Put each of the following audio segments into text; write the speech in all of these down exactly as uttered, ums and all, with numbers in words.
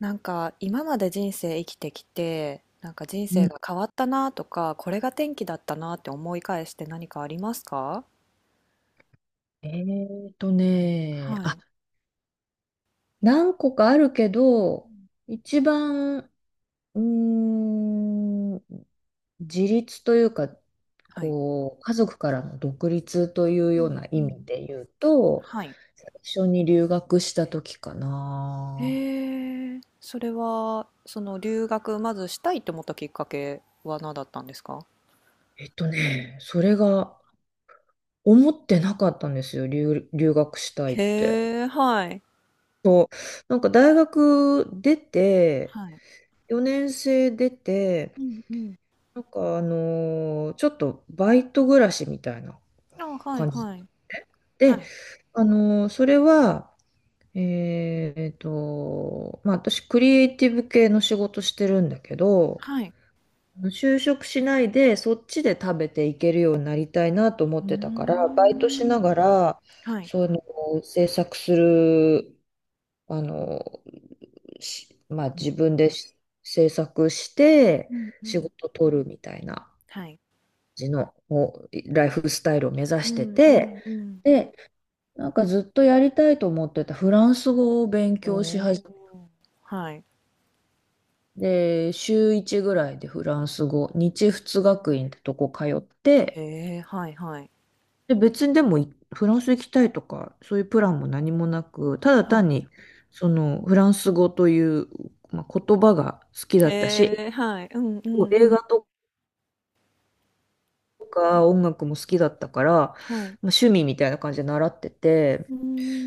なんか今まで人生生きてきて、なんか人う生ん、が変わったなとか、これが転機だったなって思い返して何かありますか？えーとね、はあ、い。何個かあるけうど、ん。一番、うーん、自立というか、はい。こう、家族からの独立といううようん。なう意ん。味で言うと、はい。最初に留学した時かな。へえ、それはその留学、まずしたいって思ったきっかけは何だったんですか？えっとね、それが思ってなかったんですよ、留、留学したいって。へー、はい。そう、なんか大学出て、はい。よねん生出て、うんうん。なんかあのーちょっとバイト暮らしみたいなあ、はい感じだっはたい。のね。はで、い。あのーそれは、えっと、まあ私クリエイティブ系の仕事してるんだけど、はい。就職しないでそっちで食べていけるようになりたいなと思うっーてたから、バイトしん。ながら、はい。その制作する、あのしまあうん自分でし制作してうんう仕ん。事取るみたいな。はい。じのおライフスタイルを目指うしてんうて、んうん。で、なんかずっとやりたいと思ってたフランス語を勉お強し始めお、はい。て、週いちぐらいでフランス語、日仏学院ってとこ通っへて、え、はいはい。で、別にでもいフランス行きたいとか、そういうプランも何もなく、ただは単い。に、そのフランス語という、まあ、言葉が好きだったへし、え、はい。うんうんう映ん。画とか音楽も好きだったから、まあ、はい。趣味みたいな感じで習ってうて、ー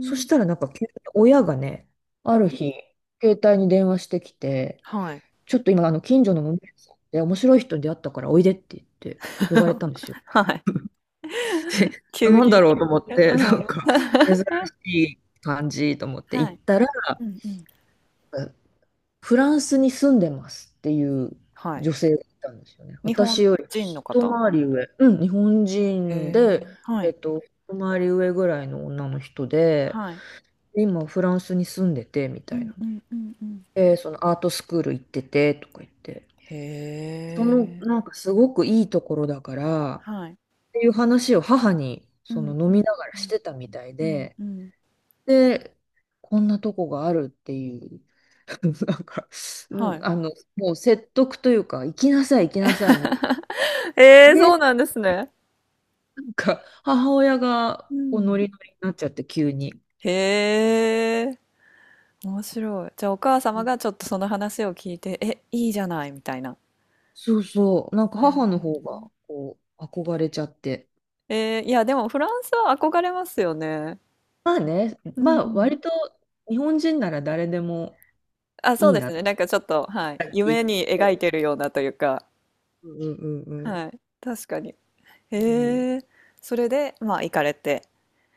そん。したらなんか急に親がね、ある日、携帯に電話してきて、はい。ちょっと今、あの、近所の門店さんで面白い人に出会ったからおいでって言って呼ばれたんですよ。はい。で、急なんだに。ろうと思っえ、て、う なんん。か、珍しい感じと思っては行っい。たら、うんうん。フランスに住んでますっていうはい。女性がいたんですよね。日本私より人の一方？回り上、うん、日本へ人え、で、はえっい。と、一回り上ぐらいの女の人で、はい。今フランスに住んでてみうたいんな。うんうんうん。で、そのアートスクール行っててとか言って、へそのなえ。んかすごくいいところだからはっい。ていう話を母にうそのん飲うみんながらうしんてたみたいうんで、うん。で、こんなとこがあるっていう、なんか、うはんい。あの、もう説得というか、行きなさい行きなさいみたいえな。え、で、そなうなんですね。んか母親うがこうノん。リノリになっちゃって急に。へえ。面白い。じゃあお母様がちょっとその話を聞いて、え、いいじゃないみたいな。そうそう、なんか母の方がこう憧れちゃって。えー、いや、でもフランスは憧れますよね。まあね、うまあん。割と日本人なら誰でもあ、そいういでなすって。ね。なんかちょっと、はい。夢に描いてるようなというか、うんうんうんうんはい。確かに。うん、へえ。それで、まあ、行かれて。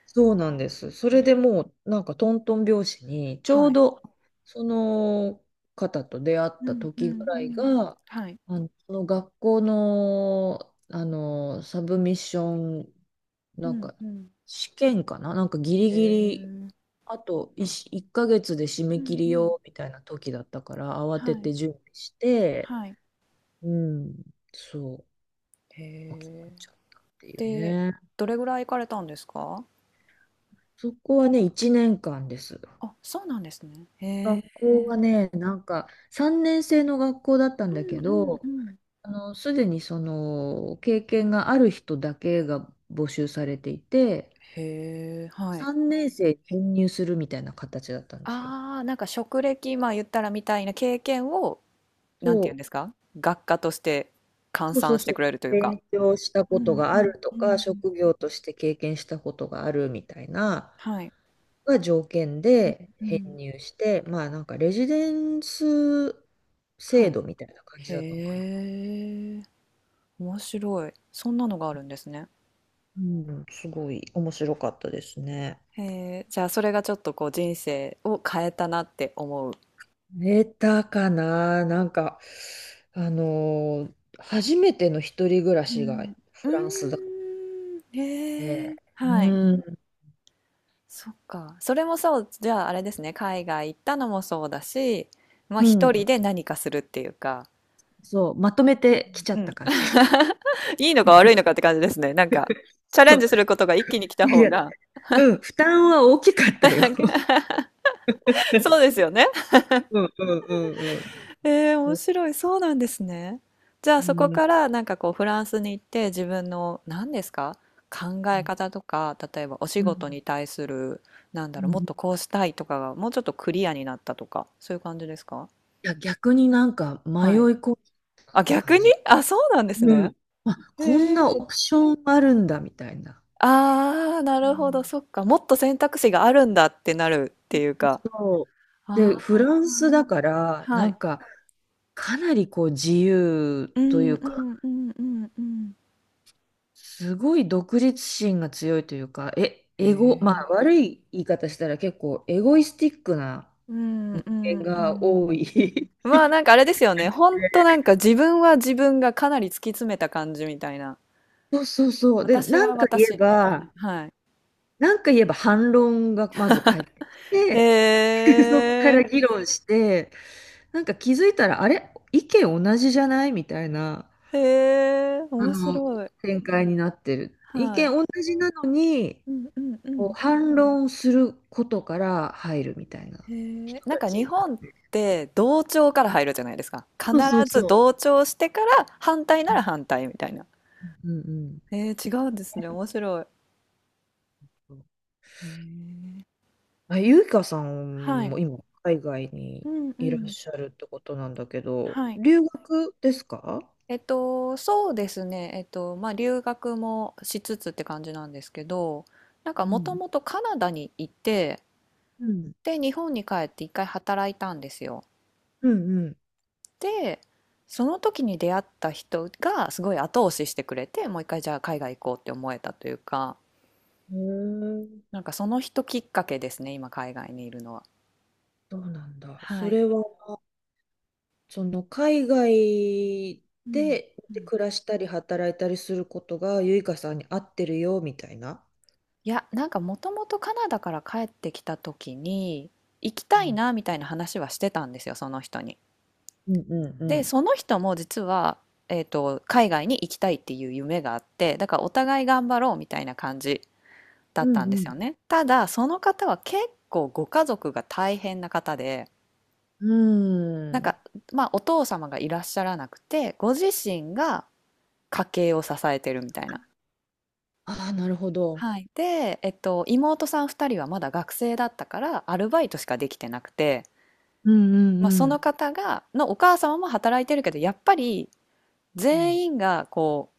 そうなんです。それでもうなんかトントン拍子にちょはうい。どその方と出会っうたんう時んうぐらいん。がはい。あの、その学校の、あのサブミッションうなんんかうん。試験かななんかギリへギリえ。あと1、一ヶ月で締うめ切んうりん。よみたいな時だったから慌てはい。て準備してはい。うん、そへう、諦めえ。ちゃったっていうで、ね。どれぐらい行かれたんですか？そこはね、いちねんかんです。あ、そうなんですね。へ。学校はね、なんかさんねん生の学校だったんうだんけうんうど、ん。あの、すでにその経験がある人だけが募集されていて、へえ、はい。さんねん生に編入するみたいな形だったんですよ。ああ、なんか職歴、まあ言ったらみたいな経験を、なんてそ言うんう、ですか？学科として換そうそ算うしそてう。くれるというか。勉強したうことんがうあんるとうか、ん。職業として経験したことがあるみたいなはい。が条件うんでう編ん。入して、まあなんかレジデンスは制い。度みたいな感じへだったのかな。え、面白い。そんなのがあるんですね。うん、すごい面白かったですね。へえ、じゃあそれがちょっとこう人生を変えたなって思う。寝たかな、なんか、あのー初めての一人暮らうしがん。うーフランスだっん、へえ、て、うはい。ん、そっか。それもそう、じゃああれですね。海外行ったのもそうだし、まあう一人ん、で何かするっていうか、そう、まとめてきちゃうっん。た感じ。いいのか悪いのかって感じですね。なんか、チャレそンジう、することが一気に来たい方や、が、うん、負担は大きかったよ。そう ですよね。うんうんうんうえー、ん。面う白い。そうなんですね。じゃあそこんうんからなんかこうフランスに行って自分の何ですか、考うえん方とか、例えばお仕う事んに対する、なんだうろう、もっん、とこうしたいとかがもうちょっとクリアになったとか、そういう感じですか？いや、逆になんか迷いはい。込むあ、感逆に、じ。あ、そうなんですうね。ん。あ、へこんえ。なオプションあるんだ、みたいな。ああ、なうるほど、ん、そっか。もっと選択肢があるんだってなるっていうか。そう。あで、フランスだから、あ。はない。んか、かなりこう自由うといんううか、んうんうんうん。すごい独立心が強いというか、え、へエゴ、まあ悪え。い言い方したら結構エゴイスティックなうんう点んうがん。多い。まあ、なんかあれですよね。ほんとなんか自分は自分がかなり突き詰めた感じみたいな。そうそうそう。で、私なはんか言私えみたいな。ば、はい。なんか言えば反論がまず返ってきて、へそっからえ。議論して、なんか気づいたら、あれ意見同じじゃないみたいなへえ、あ面の、白い。展開になってる。意は見い。同じなのに、うんうんうこん。う反論することから入るみたいなへえ、人なんたか日ち。本って同調から入るじゃないですか。必そうそうずそ同調してから反対なう。うら反対みたいな。んうんえー、違うんですね。面白い。うん。へえ。あ、ゆいかさはんい。も今、海外にうんういらっん。しゃるってことなんだけど、はい。留学ですか？えっと、そうですね。えっと、まあ留学もしつつって感じなんですけど、なんかうもとん。もとカナダにいて、うん。で、日本に帰って一回働いたんですよ。うんで、その時に出会った人がすごい後押ししてくれて、もう一回じゃあ海外行こうって思えたというか、うん。へえ、なんかその人きっかけですね、今海外にいるのは。そうなんだ。はそい。れはその海外うん。でうん。暮らしたり働いたりすることがゆいかさんに合ってるよみたいな。いや、なんかもともとカナダから帰ってきた時に、行きうたいんなみたいな話はしてたんですよ、その人に。うんうんうで、ん。その人も実は、えっと、海外に行きたいっていう夢があって、だからお互い頑張ろうみたいな感じだうったんですんよね。ただ、その方は結構ご家族が大変な方で、うんなんうん。か、まあ、お父様がいらっしゃらなくて、ご自身が家計を支えてるみたいな。ああ、なるほど。はい。で、えっと、妹さんふたりはまだ学生だったからアルバイトしかできてなくて、うんうう、まあ、んそうのんん方がのお母様も働いてるけど、やっぱりうん。全員がこ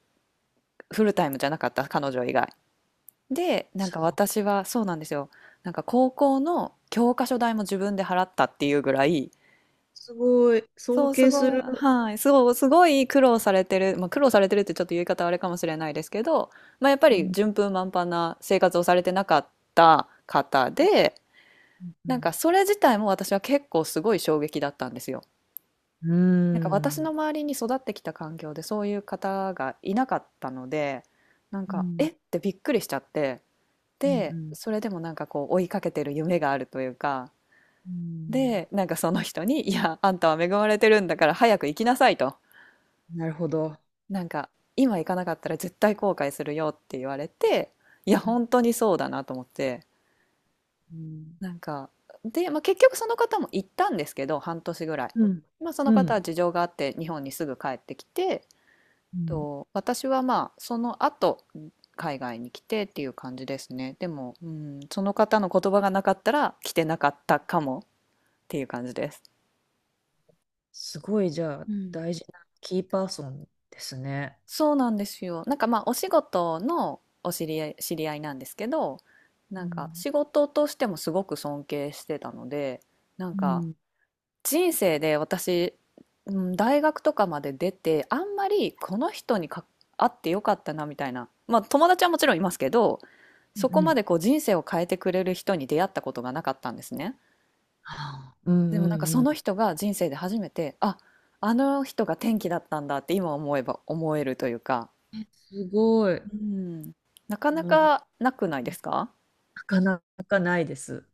うフルタイムじゃなかった、彼女以外で。なんか私はそうなんですよ、なんか高校の教科書代も自分で払ったっていうぐらい。すごい。そ尊う、す敬すごい、る。はい、そうすごい苦労されてる、まあ、苦労されてるってちょっと言い方あれかもしれないですけど、まあ、やっぱうりん順風満帆な生活をされてなかった方で。うなんんかそれ自体も私は結構すごい衝撃だったんですよ。うなんか私のん。周りに育ってきた環境でそういう方がいなかったので、なんうかえんってびっくりしちゃって、うんうで、んそれでもなんかこう追いかけてる夢があるというか、うん、で、なんかその人に、いや、あんたは恵まれてるんだから早く行きなさいと。なるほど。なんか今行かなかったら絶対後悔するよって言われて、いや、う本当にそうだなと思って。んなんか、で、まあ、結局その方も行ったんですけど、半年ぐらい。うんまあ、そのう方はん。事情があって日本にすぐ帰ってきて、うん、と、私はまあその後海外に来てっていう感じですね。でも、うん、その方の言葉がなかったら来てなかったかもっていう感じです。すごい、じゃあ、うん。大事なキーパーソンですね。そうなんですよ。なんかまあお仕事のお知り合い、知り合いなんですけど、うなんかん。仕事としてもすごく尊敬してたので、なんうかん。人生で私、うん、大学とかまで出て、あんまりこの人にか会ってよかったなみたいな。まあ友達はもちろんいますけど、うそこんうん。までこう人生を変えてくれる人に出会ったことがなかったんですね。はあ、うんでうもなんかんそうん。の人が人生で初めて、あ、あの人が転機だったんだって今思えば思えるというか、え、すごい。うん、なかなうん、なかなくないですか？かなかないです。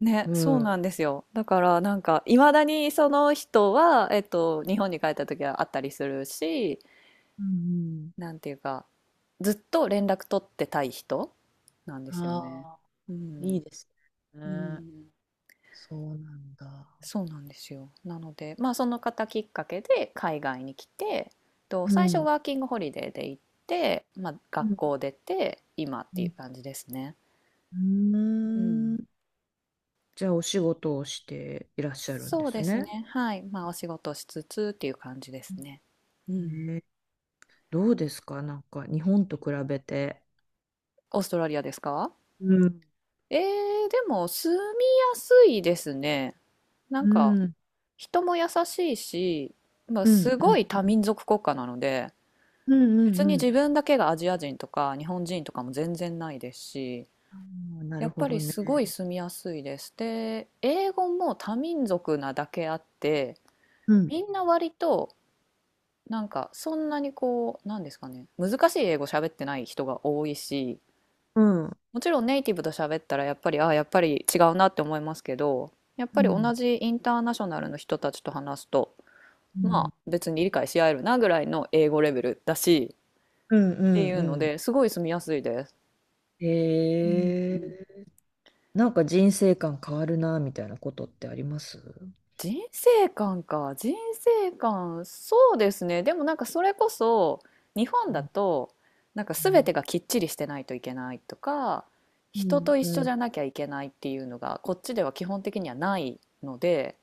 ね、うそうん。うなんんですよ。だからなんかいまだにその人は、えっと、日本に帰った時は会ったりするし、うん、なんていうか、ずっと連絡取ってたい人なんですよね。ああ、ういん。いですうね。ん。そうなんだ。そうなんですよ。なので、まあその方きっかけで海外に来て、とう最初ん。ワーキングホリデーで行って、まあう学ん。校出て、今っうていうん感じですね。うん。ううん。ーん、じゃあ、お仕事をしていらっしゃるんでそうすですね。ね。はい。まあお仕事しつつっていう感じですね。うん。ね、どうですか？なんか、日本と比べて。オーストラリアですか？うん。えー、でも住みやすいですね。なんうかん。人も優しいし、まあ、うん。すうごん。い多民族国家なので、うん。う別にん。う自ん、分だけがアジア人とか日本人とかも全然ないですし、あーなやるっほぱどりね。すごい住みやすいです。で、英語も多民族なだけあって、うん。みんな割となんかそんなにこうなんですかね、難しい英語喋ってない人が多いし、うん。もちろんネイティブと喋ったらやっぱりああやっぱり違うなって思いますけど、やっうぱりん。同じインターナショナルの人たちと話すと、うまん。あ別に理解し合えるなぐらいの英語レベルだしうんうっていうのんうで、すごい住みやすいです。ん。うへえ。ん。なんか人生観変わるな、みたいなことってありますう人生観か。人生観、そうですね。でもなんかそれこそ日本だんと、なんか全てがきっちりしてないといけないとか、う人んと一うん緒うん。じゃなきゃいけないっていうのがこっちでは基本的にはないので、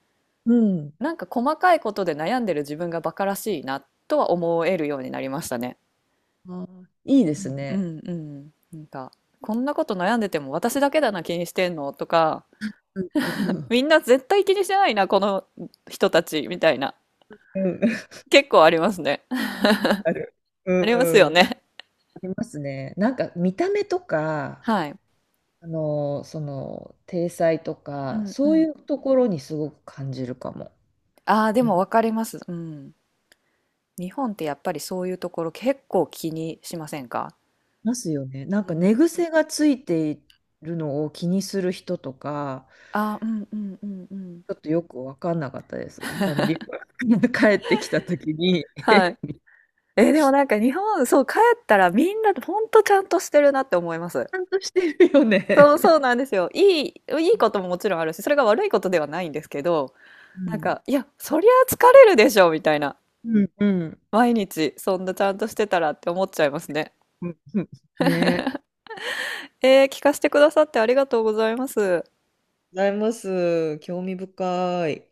なんか細かいことで悩んでる自分がバカらしいなとは思えるようになりましたね。あーいいですうね。んうん。なんか、こんなこと悩んでても私だけだな気にしてんのとか、うんうんうんみんな絶対気にしてないな、この人たちみたいな。うん。結構ありますね。ある。う んありますようん。あね。りますね。なんか見た目とか、はい。あの、その、体裁とうか、んうそうん。いうところにすごく感じるかも。ああ、でいもわかります。うん。日本ってやっぱりそういうところ結構気にしませんか？ますよね。なんうか寝ん。癖がついているのを気にする人とか、ああ、うんうんうんうん。ちょっとよく分かんなかったです。あの、リュ ックが 帰ってきたときに、ちはい。えー、でもなんか日本、そう、帰ったらみんなほんとちゃんとしてるなって思います。ゃんとしてるよね。そう、そうなんですよ。いい、いいことももちろんあるし、それが悪いことではないんですけど、うなんん。か、いや、そりゃ疲れるでしょ、みたいな。うんうん。毎日、そんなちゃんとしてたらって思っちゃいますね。うん、ねえ。えー、聞かせてくださってありがとうございます。ございます。興味深い。